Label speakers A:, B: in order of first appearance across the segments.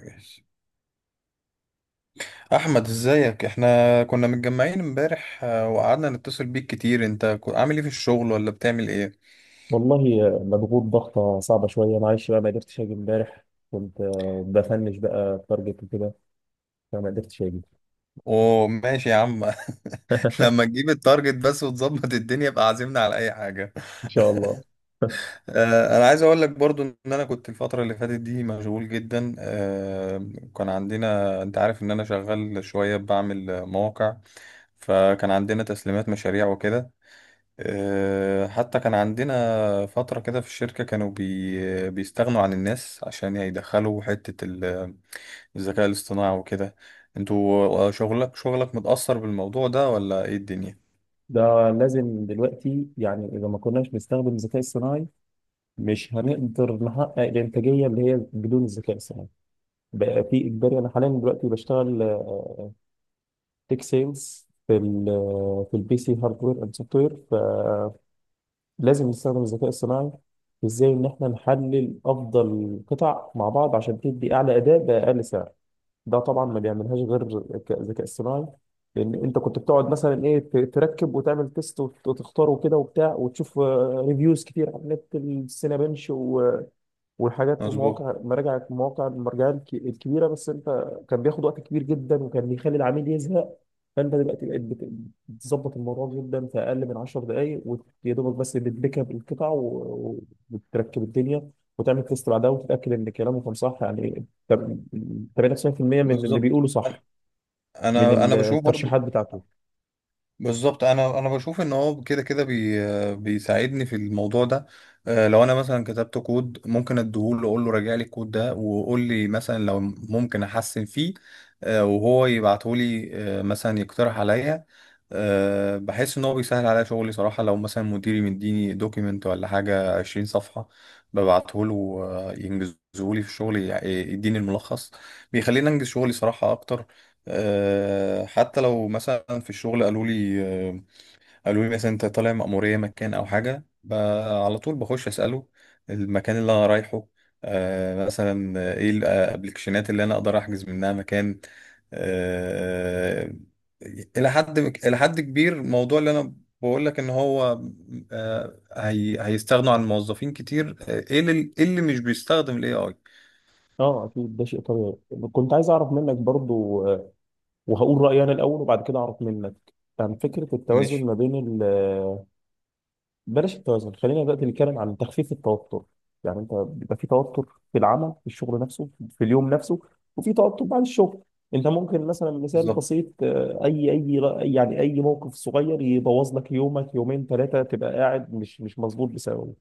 A: ماشي. احمد، ازيك؟ احنا كنا متجمعين امبارح، وقعدنا نتصل بيك كتير. انت عامل ايه في الشغل، ولا بتعمل ايه؟
B: والله مضغوط ضغطة صعبة شوية، معلش بقى، ما قدرتش أجي امبارح. كنت بفنش بقى تارجت وكده، فما قدرتش أجي.
A: اوه ماشي يا عم. لما تجيب التارجت بس وتظبط الدنيا، يبقى عازمنا على اي حاجه.
B: إن شاء الله.
A: انا عايز اقول لك برضو ان انا كنت الفتره اللي فاتت دي مشغول جدا. كان عندنا، انت عارف ان انا شغال شويه بعمل مواقع. فكان عندنا تسليمات مشاريع وكده. حتى كان عندنا فترة كده في الشركة، كانوا بيستغنوا عن الناس عشان يدخلوا حتة الذكاء الاصطناعي وكده. انتوا، شغلك متأثر بالموضوع ده، ولا ايه الدنيا؟
B: ده لازم دلوقتي، يعني إذا ما كناش بنستخدم الذكاء الصناعي مش هنقدر نحقق الإنتاجية اللي هي بدون الذكاء الصناعي. بقى في إجباري. أنا حاليا دلوقتي بشتغل تيك سيلز في في البي سي هاردوير أند سوفت وير. لازم نستخدم الذكاء الصناعي في ازاي ان احنا نحلل افضل قطع مع بعض عشان تدي اعلى اداء باقل سعر. ده طبعا ما بيعملهاش غير الذكاء الصناعي. لان انت كنت بتقعد مثلا ايه، تركب وتعمل تيست وتختاره كده وبتاع، وتشوف ريفيوز كتير على النت، السينابنش وحاجات
A: مظبوط.
B: ومواقع مراجع، مواقع المراجع الكبيره، بس انت كان بياخد وقت كبير جدا وكان بيخلي العميل يزهق. فانت دلوقتي بقيت بتظبط الموضوع جدا في اقل من 10 دقائق، ويا دوبك بس بتبيك اب القطع وبتركب الدنيا وتعمل تيست بعدها وتتاكد ان كلامه كان صح، يعني 98% من اللي
A: بالظبط.
B: بيقوله
A: انا
B: صح،
A: انا
B: من
A: أنا بشوف
B: الترشيحات
A: برضو.
B: بتاعته.
A: بالظبط، انا بشوف ان هو كده كده بيساعدني في الموضوع ده. لو انا مثلا كتبت كود، ممكن اديهوله اقول له راجع لي الكود ده، وقول لي مثلا لو ممكن احسن فيه. وهو يبعته لي. مثلا يقترح عليا. بحس ان هو بيسهل عليا شغلي صراحه. لو مثلا مديري مديني دوكيمنت ولا حاجه 20 صفحه، ببعته له ينجزه لي في الشغل، يديني الملخص. بيخليني انجز شغلي صراحه اكتر. حتى لو مثلا في الشغل قالوا لي، قالوا لي مثلا انت طالع مأمورية مكان او حاجة، على طول بخش اسأله المكان اللي انا رايحه، مثلا، ايه الابلكيشنات اللي انا اقدر احجز منها مكان. آه الى حد كبير الموضوع اللي انا بقول لك ان هو، هي هيستغنوا عن موظفين كتير. ايه اللي إيه اللي مش بيستخدم الاي اي.
B: اه اكيد، ده شيء طبيعي. كنت عايز اعرف منك برضو، وهقول رايي انا الاول وبعد كده اعرف منك، عن فكرة التوازن
A: ماشي.
B: ما بين، بلاش التوازن، خلينا دلوقتي نتكلم عن تخفيف التوتر. يعني انت بيبقى في توتر في العمل، في الشغل نفسه في اليوم نفسه، وفي توتر بعد الشغل. انت ممكن مثلا، مثال
A: بالظبط.
B: بسيط، اي، يعني اي موقف صغير يبوظ لك يومك، يومين ثلاثه تبقى قاعد مش مظبوط بسببه.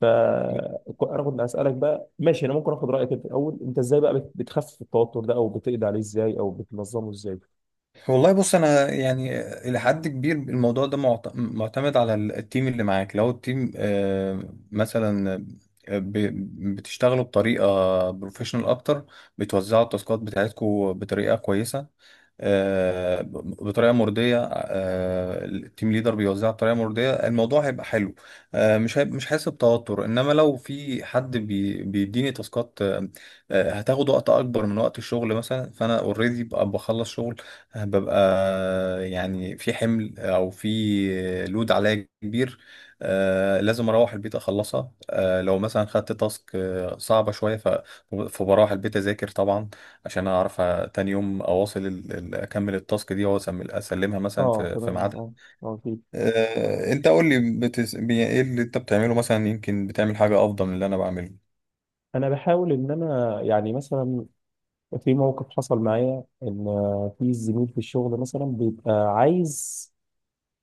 B: فانا كنت اسالك بقى، ماشي، انا ممكن اخد رايك انت الاول، انت ازاي بقى بتخفف التوتر ده، او بتقضي عليه ازاي، او بتنظمه ازاي.
A: والله بص، انا يعني الى حد كبير الموضوع ده معتمد على التيم اللي معاك. لو التيم، مثلا، بتشتغلوا بطريقه بروفيشنال اكتر، بتوزعوا التاسكات بتاعتكم بطريقه كويسه، آه، بطريقه مرضيه، التيم ليدر بيوزعها بطريقه مرضيه، الموضوع هيبقى حلو. مش هيبقى، مش حاسس بتوتر. انما لو في حد بيديني تاسكات، هتاخد وقت اكبر من وقت الشغل مثلا، فانا اوريدي ببقى بخلص شغل. ببقى، يعني في حمل او في لود عليا كبير. لازم اروح البيت اخلصها. لو مثلا خدت تاسك صعبه شويه، فبروح البيت اذاكر طبعا، عشان اعرف تاني يوم اكمل التاسك دي، اسلمها مثلا
B: اه
A: في
B: تمام،
A: ميعادها.
B: اه، اه اكيد.
A: انت قول لي، ايه اللي انت بتعمله؟ مثلا يمكن بتعمل حاجة افضل من اللي انا بعمله.
B: انا بحاول ان انا يعني مثلا، في موقف حصل معايا ان في زميل في الشغل مثلا بيبقى عايز،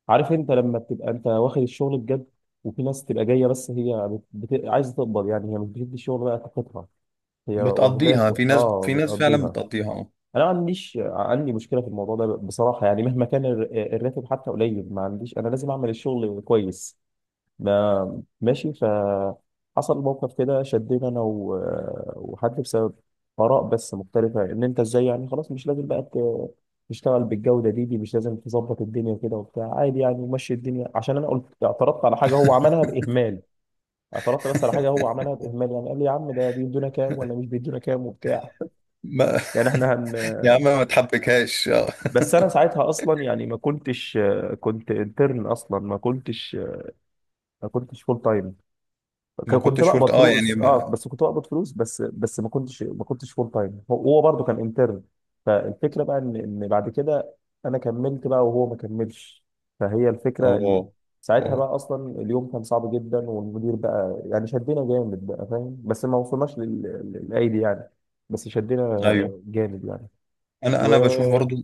B: عارف انت لما بتبقى انت واخد الشغل بجد، وفي ناس تبقى جايه بس هي عايزه تقبض، يعني هي مش بتدي الشغل بقى طاقتها، هي
A: بتقضيها.
B: واخداك
A: في ناس
B: اه
A: في ناس فعلا
B: بتقضيها.
A: بتقضيها. اه.
B: انا ما عنديش، عندي مشكله في الموضوع ده بصراحه، يعني مهما كان الراتب حتى قليل ما عنديش، انا لازم اعمل الشغل كويس. ما ماشي، فحصل موقف كده، شدنا انا وحد بسبب اراء بس مختلفه، ان انت ازاي يعني، خلاص مش لازم بقى تشتغل بالجوده دي مش لازم تظبط الدنيا كده وبتاع، عادي يعني، ومشي الدنيا، عشان انا قلت اعترضت على حاجه هو عملها باهمال. اعترضت بس على حاجه هو عملها باهمال، يعني قال لي يا عم ده بيدونا كام ولا مش بيدونا كام وبتاع.
A: ما...
B: يعني احنا هن،
A: يا عم ما تحبكهاش.
B: بس انا ساعتها اصلا يعني ما كنتش، كنت انترن اصلا، ما كنتش، ما كنتش فول تايم.
A: ما
B: كنت
A: كنتش قلت،
B: بقبض
A: يعني،
B: فلوس اه، بس كنت بقبض فلوس بس، بس ما كنتش فول تايم. هو برضه كان انترن. فالفكره بقى ان بعد كده انا كملت بقى وهو ما كملش. فهي الفكره ان
A: اه،
B: ساعتها
A: اه،
B: بقى اصلا اليوم كان صعب جدا، والمدير بقى يعني شدنا جامد بقى، فاهم، بس ما وصلناش للايدي يعني، بس شدنا
A: ايوه.
B: جامد يعني.
A: انا
B: و
A: انا بشوف برضو،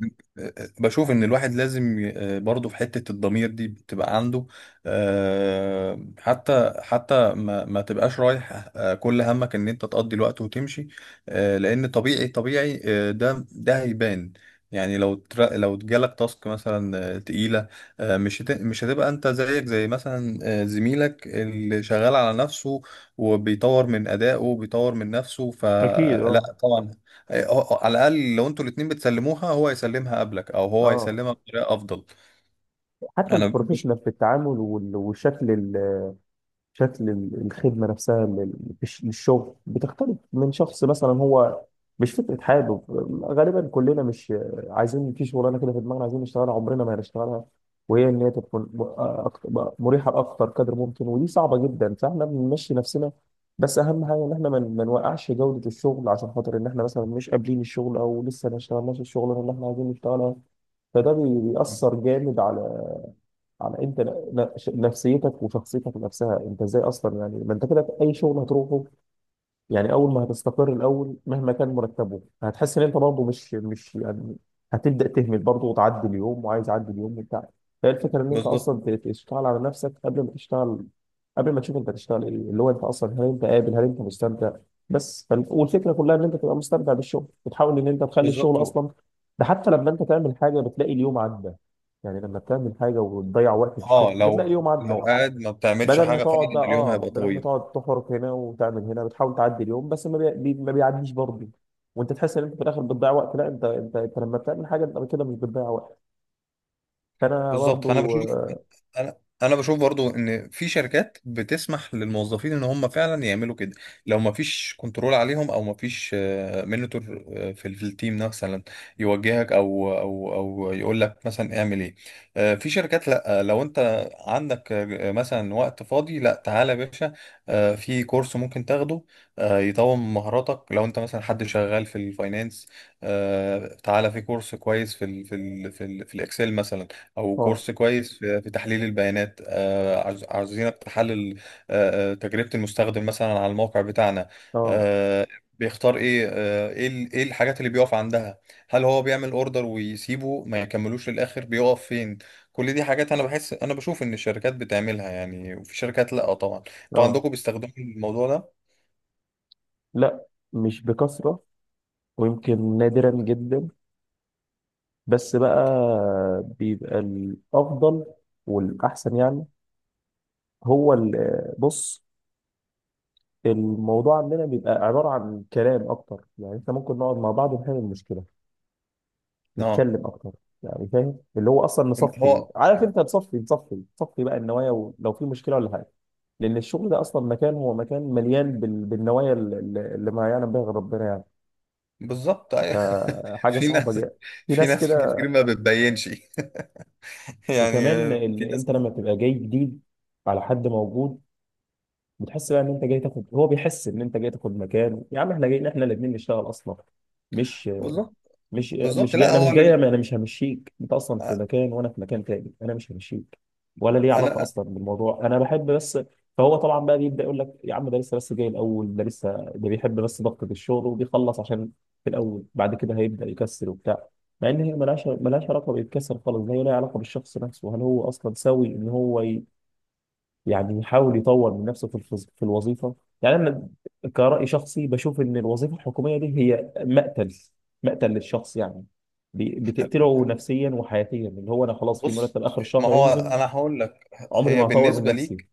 A: بشوف ان الواحد لازم، برضو في حتة الضمير دي بتبقى عنده. حتى ما تبقاش رايح، كل همك ان انت تقضي الوقت وتمشي. لان طبيعي طبيعي، ده هيبان. يعني لو جالك تاسك مثلا تقيلة، مش هتبقى انت زيك زي مثلا زميلك اللي شغال على نفسه، وبيطور من أدائه وبيطور من نفسه،
B: اكيد
A: فلا
B: اه،
A: طبعا. على الاقل لو انتوا الاتنين بتسلموها، هو يسلمها قبلك، او هو
B: اه
A: يسلمها بطريقه افضل.
B: حتى
A: انا بش...
B: البروفيشنال في التعامل والشكل، شكل الخدمة نفسها للشغل بتختلف من شخص. مثلا هو مش فكرة حابب، غالبا كلنا مش عايزين في شغلانة كده في دماغنا عايزين نشتغلها عمرنا ما هنشتغلها، وهي إن هي تكون مريحة بأكتر قدر ممكن، ودي صعبة جدا، فإحنا بنمشي نفسنا. بس أهم حاجة إن إحنا ما نوقعش جودة الشغل عشان خاطر إن إحنا مثلا مش قابلين الشغل أو لسه ما اشتغلناش الشغلانة اللي إحنا عايزين نشتغلها. فده بيأثر جامد على، على انت نفسيتك وشخصيتك نفسها. انت ازاي اصلا يعني، ما انت كده اي شغل هتروحه، يعني اول ما هتستقر الاول مهما كان مرتبه هتحس ان انت برضه مش يعني، هتبدا تهمل برضه وتعدي اليوم، وعايز اعدي اليوم وبتاع. فهي الفكره ان انت
A: بالظبط.
B: اصلا تشتغل على نفسك قبل ما تشتغل، قبل ما تشوف انت هتشتغل ايه، اللي هو انت اصلا هل انت قابل، هل انت مستمتع. بس والفكره كلها ان انت تبقى مستمتع بالشغل، بتحاول ان انت تخلي
A: بالظبط،
B: الشغل اصلا، ده حتى لما انت تعمل حاجه بتلاقي اليوم عدى. يعني لما بتعمل حاجه وتضيع وقت في
A: اه،
B: الشغل بتلاقي
A: لو
B: اليوم عدى،
A: لو قاعد ما بتعملش
B: بدل ما
A: حاجه،
B: تقعد
A: فعلا
B: بقى،
A: اليوم
B: اه
A: هيبقى
B: بدل ما
A: طويل.
B: تقعد تحرك هنا وتعمل هنا، بتحاول تعدي اليوم بس ما, ما بيعديش برضه. وانت تحس ان انت في الاخر بتضيع وقت، لا، انت لما بتعمل حاجه انت كده مش بتضيع وقت. فانا
A: بالظبط. فانا
B: برضه
A: بشوف انا انا بشوف برضو ان في شركات بتسمح للموظفين ان هم فعلا يعملوا كده، لو ما فيش كنترول عليهم، او ما فيش منتور في التيم مثلا، يوجهك، او يقول لك مثلا اعمل ايه. في شركات لا. لو انت عندك مثلا وقت فاضي، لا تعالى يا باشا، في كورس ممكن تاخده، يطور من مهاراتك. لو انت مثلا حد شغال في الفاينانس، تعالى في كورس كويس في الاكسل مثلا، او
B: اه،
A: كورس كويس في تحليل البيانات. عاوزينك تحلل تجربة المستخدم مثلا على الموقع بتاعنا،
B: اه، اه،
A: آه، بيختار ايه، ايه الحاجات اللي بيقف عندها، هل هو بيعمل اوردر ويسيبه ما يكملوش للاخر، بيقف فين. كل دي حاجات انا بحس، انا بشوف ان الشركات بتعملها يعني. وفي شركات لا طبعا. انتوا
B: آه،
A: عندكم بيستخدموا الموضوع ده؟
B: لا، مش بكثره، ويمكن نادرا جدا، بس بقى بيبقى الافضل والاحسن يعني. هو بص، الموضوع عندنا بيبقى عباره عن كلام اكتر، يعني انت ممكن نقعد مع بعض ونحل المشكله،
A: اه،
B: نتكلم اكتر يعني، فاهم، اللي هو اصلا نصفي،
A: هو
B: عارف انت، نصفي بقى النوايا، ولو في مشكله ولا حاجه، لان الشغل ده اصلا مكان، هو مكان مليان بالنوايا اللي اللي ما يعلم بها غير ربنا يعني،
A: بالظبط، أيوة.
B: فحاجه
A: في
B: صعبه
A: ناس
B: جدا، في
A: في
B: ناس
A: ناس
B: كده.
A: كتير ما بتبينش. يعني
B: وكمان
A: في
B: اللي
A: ناس
B: انت
A: كتير.
B: لما تبقى جاي جديد على حد موجود، بتحس بقى ان انت جاي تاخد، هو بيحس ان انت جاي تاخد مكان، يا عم احنا جايين، احنا الاثنين نشتغل اصلا، مش
A: بالظبط.
B: مش
A: بالظبط.
B: مش جاي،
A: لا،
B: انا مش
A: هو اللي
B: جاي، انا مش همشيك، انت اصلا في مكان وانا في مكان تاني، انا مش همشيك، ولا ليه علاقه
A: انا،
B: اصلا بالموضوع، انا بحب بس. فهو طبعا بقى بيبدا يقول لك يا عم ده لسه بس جاي الاول، ده لسه ده بيحب بس ضغطه الشغل وبيخلص عشان في الاول، بعد كده هيبدا يكسر وبتاع، مع ان هي ملهاش، ملهاش علاقه بالكسر خالص ده، هي لها علاقه بالشخص نفسه، هل هو اصلا سوي ان هو يعني يحاول يطور من نفسه في في الوظيفه. يعني انا كرأي شخصي بشوف ان الوظيفه الحكوميه دي هي مقتل، مقتل للشخص يعني، بتقتله نفسيا وحياتيا، اللي هو انا خلاص في
A: بص،
B: مرتب اخر
A: ما
B: الشهر
A: هو
B: هينزل
A: انا هقول لك،
B: عمري
A: هي
B: ما هطور من
A: بالنسبه
B: نفسي.
A: ليك،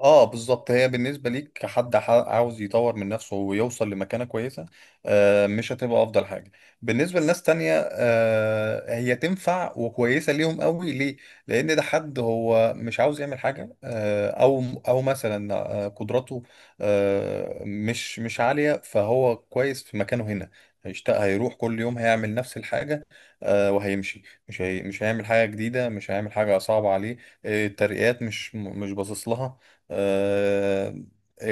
A: اه بالظبط، هي بالنسبه ليك كحد عاوز يطور من نفسه ويوصل لمكانه كويسه، مش هتبقى افضل حاجه. بالنسبه لناس تانية، هي تنفع وكويسه ليهم قوي. ليه؟ لان ده حد هو مش عاوز يعمل حاجه، او مثلا قدراته مش عاليه، فهو كويس في مكانه هنا. هيشتاق، هيروح كل يوم، هيعمل نفس الحاجه، وهيمشي. مش هيعمل حاجه جديده، مش هيعمل حاجه صعبه عليه، الترقيات مش باصص لها، آه،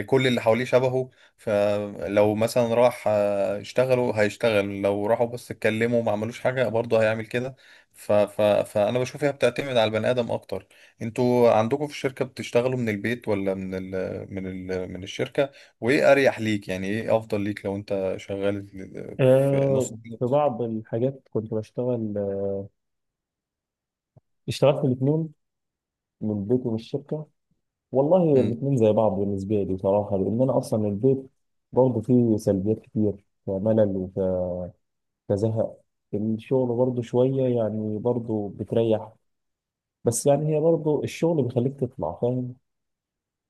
A: كل اللي حواليه شبهه. فلو مثلا راح يشتغلوا هيشتغل، لو راحوا بس اتكلموا ما عملوش حاجة، برضه هيعمل كده. ف ف فأنا بشوف هي بتعتمد على البني آدم أكتر. انتوا عندكم في الشركة بتشتغلوا من البيت ولا من ال من ال من الشركة؟ وإيه أريح ليك؟ يعني إيه أفضل ليك لو أنت شغال في نص؟
B: آه في بعض الحاجات كنت بشتغل، اشتغلت الاثنين، من البيت ومن الشركه، والله
A: امم.
B: الاثنين زي بعض بالنسبه لي بصراحه، لان انا اصلا البيت برضه فيه سلبيات كتير وملل كزهق، الشغل برضه شوية يعني برضه بتريح. بس يعني هي برضه الشغل بيخليك تطلع فاهم،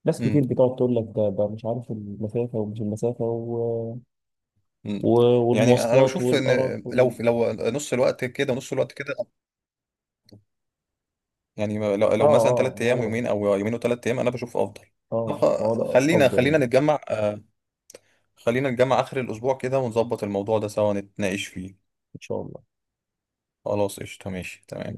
B: ناس كتير
A: امم.
B: بتقعد تقول لك ده مش عارف المسافة ومش المسافة، و... و...
A: امم. يعني انا
B: والمواصلات
A: بشوف ان،
B: والقرف
A: لو
B: وال...
A: لو نص الوقت كده ونص الوقت كده، يعني لو
B: اه،
A: لو مثلا
B: اه
A: ثلاث
B: ما
A: ايام
B: هو،
A: ويومين، او يومين وثلاث ايام، انا بشوف افضل. طب،
B: اه ما هو ده
A: خلينا
B: أفضل
A: خلينا
B: يعني.
A: نتجمع، خلينا نتجمع اخر الاسبوع كده، ونظبط الموضوع ده سوا، نتناقش فيه.
B: إن شاء الله.
A: خلاص، قشطة، ماشي، تمام.